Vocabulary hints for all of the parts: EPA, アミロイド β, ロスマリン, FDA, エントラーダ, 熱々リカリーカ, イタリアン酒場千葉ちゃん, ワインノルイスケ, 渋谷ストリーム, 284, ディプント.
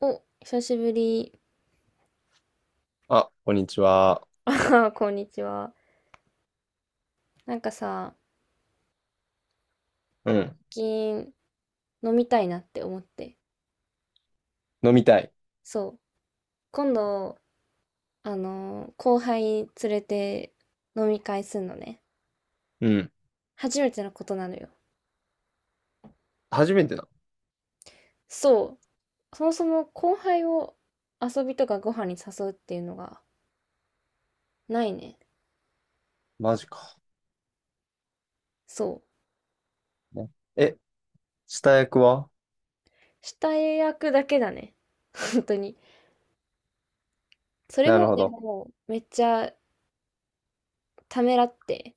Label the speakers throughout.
Speaker 1: お、久しぶり。
Speaker 2: あ、こんにちは。
Speaker 1: こんにちは。なんかさ、
Speaker 2: うん。
Speaker 1: 最近飲みたいなって思って。
Speaker 2: 飲みたい。
Speaker 1: そう。今度、あの後輩連れて飲み会すんのね。
Speaker 2: うん。
Speaker 1: 初めてのことなのよ。
Speaker 2: 初めてだ。
Speaker 1: そう。そもそも後輩を遊びとかご飯に誘うっていうのがないね。
Speaker 2: マジか。
Speaker 1: そう。
Speaker 2: ねえ、下役は？
Speaker 1: 下役だけだね。本当に。それ
Speaker 2: なる
Speaker 1: も
Speaker 2: ほ
Speaker 1: で
Speaker 2: ど。
Speaker 1: も、めっちゃためらって、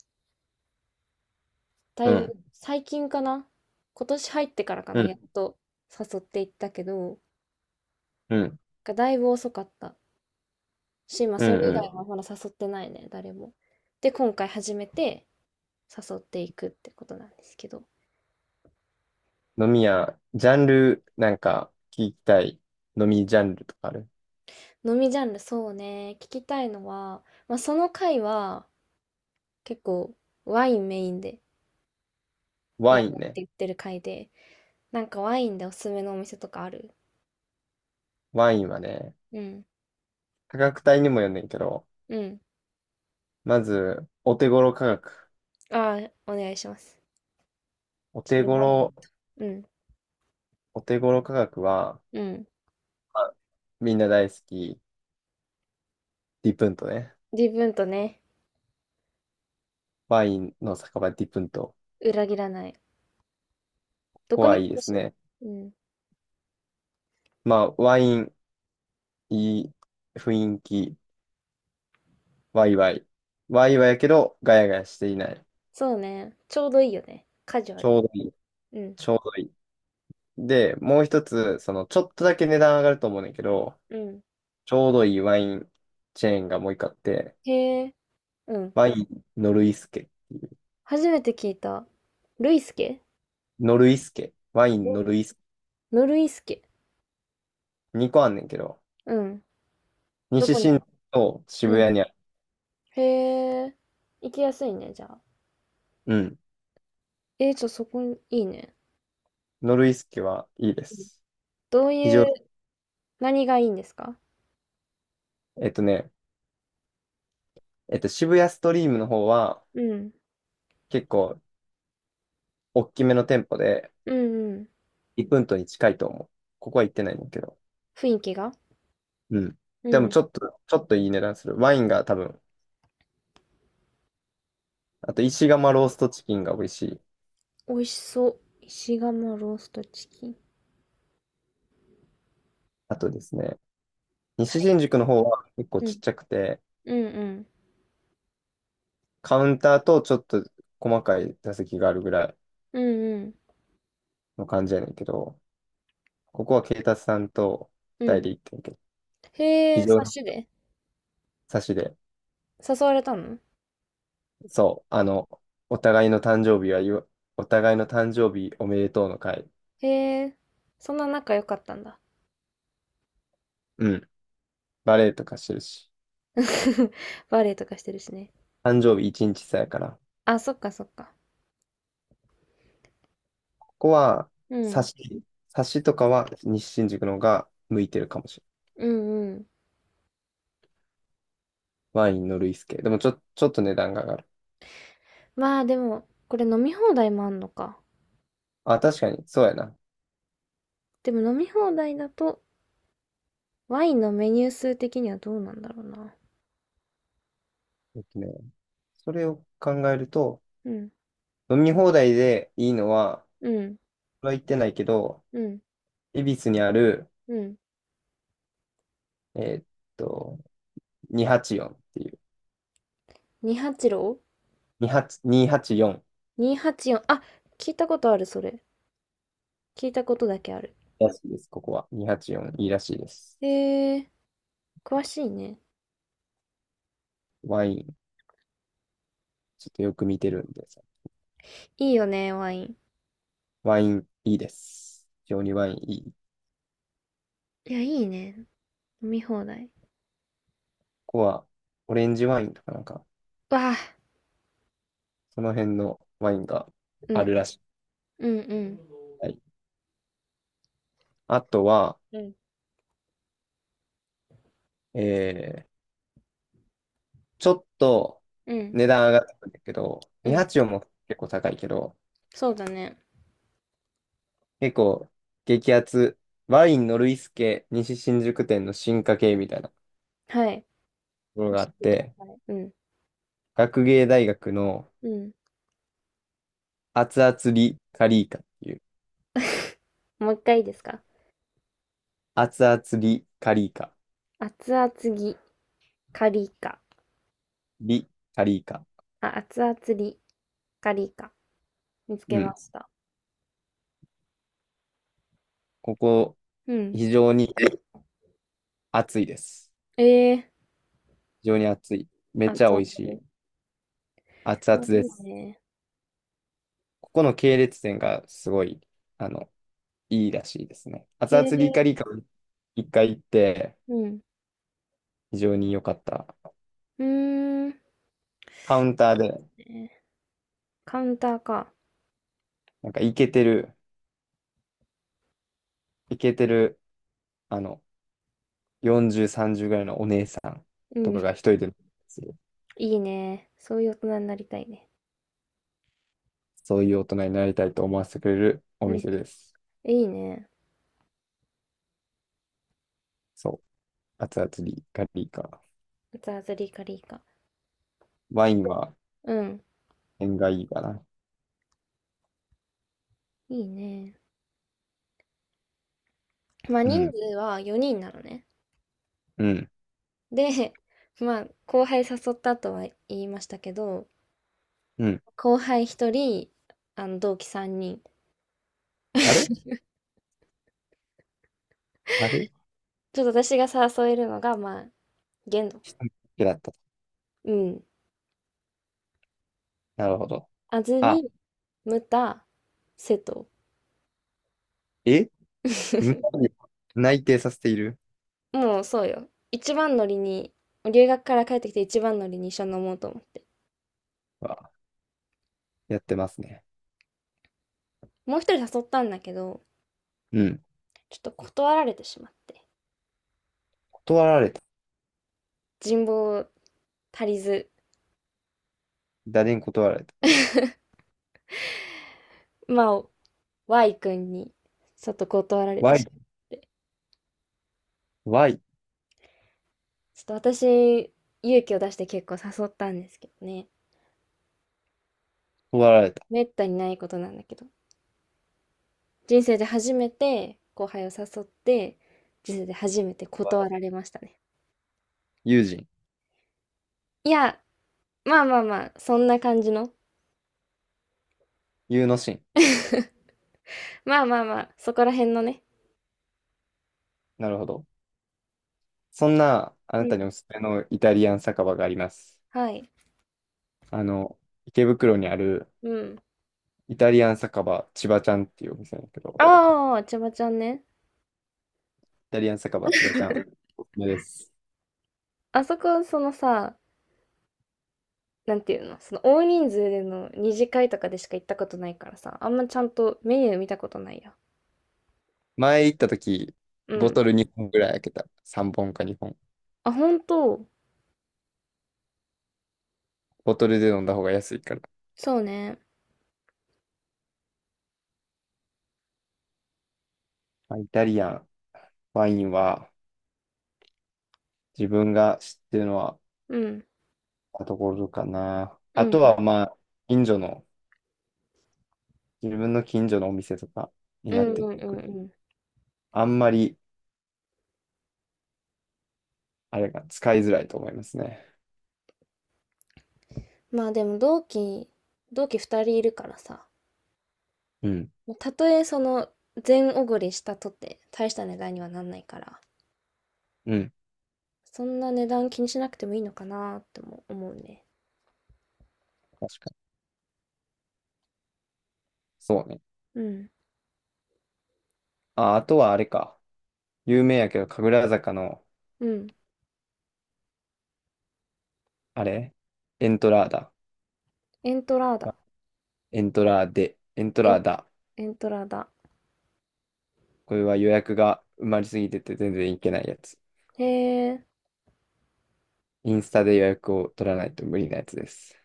Speaker 1: だ
Speaker 2: う
Speaker 1: いぶ
Speaker 2: ん。
Speaker 1: 最近かな、今年入ってからか
Speaker 2: う
Speaker 1: な、や
Speaker 2: ん。
Speaker 1: っと誘っていったけど
Speaker 2: うん。
Speaker 1: がだいぶ遅かったし、まあ、
Speaker 2: うん
Speaker 1: それ以外
Speaker 2: う
Speaker 1: はまだ誘ってないね、誰も。で今回初めて誘っていくってことなんですけど、
Speaker 2: ん。飲み屋、ジャンル、なんか、聞きたい飲みジャンルとかある？
Speaker 1: 飲みジャンル、そうね、聞きたいのは、まあ、その回は結構ワインメインで
Speaker 2: ワ
Speaker 1: やる
Speaker 2: イ
Speaker 1: っ
Speaker 2: ン
Speaker 1: て
Speaker 2: ね。
Speaker 1: 言ってる回で、なんかワインでおすすめのお店とかある？
Speaker 2: ワインはね、
Speaker 1: うん。
Speaker 2: 価格帯にもよんねんけど、
Speaker 1: うん。
Speaker 2: まず、お手頃価格。
Speaker 1: ああ、お願いします。
Speaker 2: お
Speaker 1: 私
Speaker 2: 手
Speaker 1: メモるな。
Speaker 2: 頃、
Speaker 1: うん。
Speaker 2: お手頃価格は、
Speaker 1: うん。
Speaker 2: まあみんな大好き、ディプントね。
Speaker 1: 自分とね。
Speaker 2: ワインの酒場ディプント。
Speaker 1: 裏切らない。
Speaker 2: こ
Speaker 1: ど
Speaker 2: こ
Speaker 1: こ
Speaker 2: は
Speaker 1: にも
Speaker 2: いい
Speaker 1: あ
Speaker 2: で
Speaker 1: る
Speaker 2: す
Speaker 1: しね。
Speaker 2: ね。
Speaker 1: うん。
Speaker 2: まあ、ワイン、いい雰囲気、ワイワイ。ワイワイやけど、ガヤガヤしていない。
Speaker 1: そうね。ちょうどいいよね。カジュア
Speaker 2: ち
Speaker 1: ル
Speaker 2: ょ
Speaker 1: に。
Speaker 2: うどいい。
Speaker 1: うん。
Speaker 2: ちょうどいい。で、もう一つ、その、ちょっとだけ値段上がると思うねんだけど、
Speaker 1: うん。
Speaker 2: ちょうどいいワインチェーンがもう一個あって、
Speaker 1: へえ。うん。
Speaker 2: ワインノルイスケ。
Speaker 1: 初めて聞いた。ルイスケ。
Speaker 2: ノルイスケ。ワイン
Speaker 1: ノ
Speaker 2: ノルイスケ。
Speaker 1: ノルイスケ。
Speaker 2: 2個あんねんけど、
Speaker 1: うん。ど
Speaker 2: 西
Speaker 1: こに
Speaker 2: 新宿
Speaker 1: も。
Speaker 2: と
Speaker 1: う
Speaker 2: 渋
Speaker 1: ん。
Speaker 2: 谷にある。
Speaker 1: へえ。行きやすいね、じゃあ。
Speaker 2: うん。
Speaker 1: そこに、いいね。
Speaker 2: ノルイスケはいいで
Speaker 1: うん。
Speaker 2: す。
Speaker 1: どう
Speaker 2: 非
Speaker 1: い
Speaker 2: 常に、
Speaker 1: う、何がいいんですか？
Speaker 2: えっとね、えっと、渋谷ストリームの方は、
Speaker 1: うん。
Speaker 2: 結構、大きめの店舗で、
Speaker 1: うんうん。
Speaker 2: リプントに近いと思う。ここは行ってないねんだけど。
Speaker 1: 雰囲気が。
Speaker 2: うん。
Speaker 1: う
Speaker 2: でも
Speaker 1: ん。
Speaker 2: ちょっといい値段する。ワインが多分、あと石窯ローストチキンが美味しい。
Speaker 1: 美味しそう。石窯ローストチキン。
Speaker 2: あとですね、
Speaker 1: は
Speaker 2: 西
Speaker 1: い。
Speaker 2: 新宿の方は結構
Speaker 1: う
Speaker 2: ちっ
Speaker 1: ん。
Speaker 2: ちゃくて、
Speaker 1: うんうん。
Speaker 2: カウンターとちょっと細かい座席があるぐらい
Speaker 1: うんうん。
Speaker 2: の感じやねんけど、ここは警察さんと
Speaker 1: う
Speaker 2: 二人
Speaker 1: ん。
Speaker 2: で行ってんけど、
Speaker 1: へ
Speaker 2: 非
Speaker 1: え、
Speaker 2: 常
Speaker 1: 察
Speaker 2: に
Speaker 1: しで
Speaker 2: 差しで、
Speaker 1: 誘われたの？
Speaker 2: そう、お互いの誕生日は言わ、お互いの誕生日おめでとうの会。
Speaker 1: へえ、そんな仲良かったんだ。
Speaker 2: うん。バレエとかしてるし、
Speaker 1: バレエとかしてるしね。
Speaker 2: 誕生日一日差やから。
Speaker 1: あ、そっかそっか。
Speaker 2: ここは、
Speaker 1: う
Speaker 2: サ
Speaker 1: ん。
Speaker 2: シ、サシとかは西新宿の方が向いてるかもしれ
Speaker 1: うんうん。
Speaker 2: ない。ワインのルイス系。でもちょっと値段が上がる。
Speaker 1: まあでも、これ飲み放題もあんのか。
Speaker 2: あ、確かに、そうやな。
Speaker 1: でも飲み放題だと、ワインのメニュー数的にはどうなんだろうな。
Speaker 2: えっとね、それを考えると、
Speaker 1: うん。
Speaker 2: 飲み放題でいいのは、
Speaker 1: うん。
Speaker 2: これは言ってないけど、
Speaker 1: うん。
Speaker 2: 恵比寿にある、
Speaker 1: うん。
Speaker 2: えーっと、284っていう、
Speaker 1: 286?284。
Speaker 2: 28 284
Speaker 1: にひゃくはちじゅうよん。あ、聞いたことある、それ。聞いたことだけある。
Speaker 2: らしいです、ここは。284いいらしいです。
Speaker 1: へえ、詳しいね。
Speaker 2: ワイン、ちょっとよく見てるんでさ。
Speaker 1: いいよね、ワイン。
Speaker 2: ワインいいです。非常にワインいい。
Speaker 1: いや、いいね。飲み放題。
Speaker 2: ここは、オレンジワインとかなんか、
Speaker 1: わあ、
Speaker 2: その辺のワインが
Speaker 1: う
Speaker 2: ある
Speaker 1: ん、
Speaker 2: らしい。
Speaker 1: うん、うん、
Speaker 2: はい、あとは、
Speaker 1: うん、
Speaker 2: えー、ちょっと
Speaker 1: うん、
Speaker 2: 値段上がってくるんだけど、
Speaker 1: うん、
Speaker 2: 284も結構高いけど、
Speaker 1: そうだね。
Speaker 2: 結構激アツ、ワインノルイスケ西新宿店の進化系みたいなと
Speaker 1: はい。
Speaker 2: ころ
Speaker 1: 教
Speaker 2: があっ
Speaker 1: えてくだ
Speaker 2: て、
Speaker 1: さい。うん、
Speaker 2: 学芸大学の
Speaker 1: うん。
Speaker 2: 熱々リカリーカっていう、
Speaker 1: もう一回いいですか？
Speaker 2: 熱々リカリーカ、
Speaker 1: 熱々ぎ、カリカ。
Speaker 2: リカリーカ。
Speaker 1: あ、熱々り、カリカ。見つ
Speaker 2: う
Speaker 1: けま
Speaker 2: ん。
Speaker 1: した。
Speaker 2: ここ、
Speaker 1: うん。
Speaker 2: 非常に暑いです。
Speaker 1: ええ
Speaker 2: 非常に暑い。めっ
Speaker 1: ー、
Speaker 2: ち
Speaker 1: 熱
Speaker 2: ゃ美味
Speaker 1: 々。
Speaker 2: しい。熱々
Speaker 1: お、い
Speaker 2: で
Speaker 1: い
Speaker 2: す。
Speaker 1: ね。
Speaker 2: ここの系列店がすごい、あの、いいらしいですね。熱
Speaker 1: へ
Speaker 2: 々リ
Speaker 1: え、
Speaker 2: カリカを一回行って、
Speaker 1: うん。
Speaker 2: 非常に良かった。
Speaker 1: うーん。い
Speaker 2: カウンタ
Speaker 1: い
Speaker 2: ー
Speaker 1: で
Speaker 2: で、
Speaker 1: すね。カウンターか。
Speaker 2: なんかイケてる、あの、40、30ぐらいのお姉さん
Speaker 1: う
Speaker 2: とかが
Speaker 1: ん。
Speaker 2: 一人でする。
Speaker 1: いいね。そういう大人になりたいね。
Speaker 2: そういう大人になりたいと思わせてくれるお
Speaker 1: うん。
Speaker 2: 店です。
Speaker 1: いいね。
Speaker 2: そう。熱々リカリカ。
Speaker 1: 熱々り、カリカ。
Speaker 2: ワイ
Speaker 1: 結
Speaker 2: ン
Speaker 1: 構。
Speaker 2: は
Speaker 1: うん。
Speaker 2: 縁がいいかな。
Speaker 1: いいね。まあ
Speaker 2: う
Speaker 1: 人
Speaker 2: ん、
Speaker 1: 数は4人なのね。
Speaker 2: うん、
Speaker 1: で、まあ後輩誘ったとは言いましたけど、
Speaker 2: うん。
Speaker 1: 後輩1人、あの同期3人。
Speaker 2: あれ あれ
Speaker 1: ちょっと私が誘えるのが、まあ、限度。
Speaker 2: 一人だけだった。
Speaker 1: うん。
Speaker 2: なるほど。
Speaker 1: 安
Speaker 2: あ、
Speaker 1: 住、ムタ、瀬戸。
Speaker 2: え無駄 に内定させている
Speaker 1: もうそうよ。一番乗りに、留学から帰ってきて一番乗りに一緒に飲もうと思って。
Speaker 2: は、やってますね。
Speaker 1: もう一人誘ったんだけど、
Speaker 2: うん。
Speaker 1: ちょっと断られてしまって。
Speaker 2: 断られた。
Speaker 1: 人望足りず、
Speaker 2: 誰に断られた
Speaker 1: まあ、Y 君に、ちょっと断られて
Speaker 2: ?Y、
Speaker 1: し
Speaker 2: Y、
Speaker 1: ちょっと私、勇気を出して結構誘ったんですけどね。
Speaker 2: 断られた。
Speaker 1: めったにないことなんだけど。人生で初めて後輩を誘って、人生で初めて断られましたね。
Speaker 2: 友人、
Speaker 1: いや、まあまあまあ、そんな感じの。
Speaker 2: 友の心。
Speaker 1: まあまあまあ、そこら辺のね。
Speaker 2: なるほど。そんな、あ
Speaker 1: う
Speaker 2: な
Speaker 1: ん。
Speaker 2: たにおすすめのイタリアン酒場があります。
Speaker 1: はい。
Speaker 2: あの、池袋にある
Speaker 1: うん。
Speaker 2: イタリアン酒場千葉ちゃんっていうお店なんだけど、
Speaker 1: ああ、ちゃばちゃんね。
Speaker 2: イタリアン酒場千葉ちゃん、おすすめです。
Speaker 1: あそこ、そのさ、なんていうの、その大人数での二次会とかでしか行ったことないからさ、あんまちゃんとメニュー見たことないや。
Speaker 2: 前行った時、
Speaker 1: う
Speaker 2: ボ
Speaker 1: ん。
Speaker 2: トル2本ぐらい開けた。3本か2本。
Speaker 1: あ、ほんと、
Speaker 2: ボトルで飲んだ方が安いから。
Speaker 1: そうね。
Speaker 2: まあイタリアン、ワインは、自分が知ってるのは、
Speaker 1: うん。
Speaker 2: ところかな。
Speaker 1: う
Speaker 2: あと
Speaker 1: ん、
Speaker 2: は、まあ、近所の、自分の近所のお店とかに
Speaker 1: う
Speaker 2: なっ
Speaker 1: んう
Speaker 2: て
Speaker 1: んう
Speaker 2: く
Speaker 1: ん
Speaker 2: る。
Speaker 1: うん。
Speaker 2: あんまり、あれが使いづらいと思いますね。
Speaker 1: まあでも同期2人いるからさ、
Speaker 2: うん。
Speaker 1: たとえその全おごりしたとって大した値段にはなんないから、
Speaker 2: うん。
Speaker 1: そんな値段気にしなくてもいいのかなっても思うね。
Speaker 2: 確かに。そうね。
Speaker 1: うん、
Speaker 2: あ、あとはあれか。有名やけど、神楽坂の、
Speaker 1: うん。
Speaker 2: あれエントラーダ。
Speaker 1: エントラーダ。
Speaker 2: エントラーデ。エント
Speaker 1: え、
Speaker 2: ラーダ。
Speaker 1: エントラーダ。
Speaker 2: これは予約が埋まりすぎてて全然いけないやつ。
Speaker 1: へえ、
Speaker 2: インスタで予約を取らないと無理なやつです。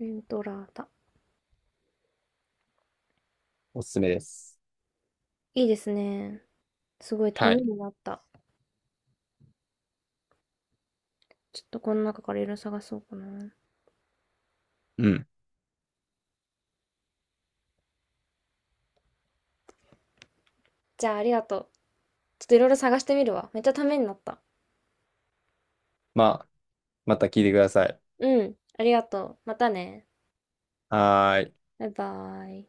Speaker 1: エントラーダ。
Speaker 2: おすすめです。
Speaker 1: いいですね。すごいた
Speaker 2: は
Speaker 1: め
Speaker 2: い。
Speaker 1: になった。ちょっとこの中からいろいろ探そうかな。
Speaker 2: うん。
Speaker 1: じゃあありがとう。ちょっといろいろ探してみるわ。めっちゃためになった。
Speaker 2: まあ、また聞いてください。
Speaker 1: うん、ありがとう。またね。
Speaker 2: はーい。
Speaker 1: バイバイ。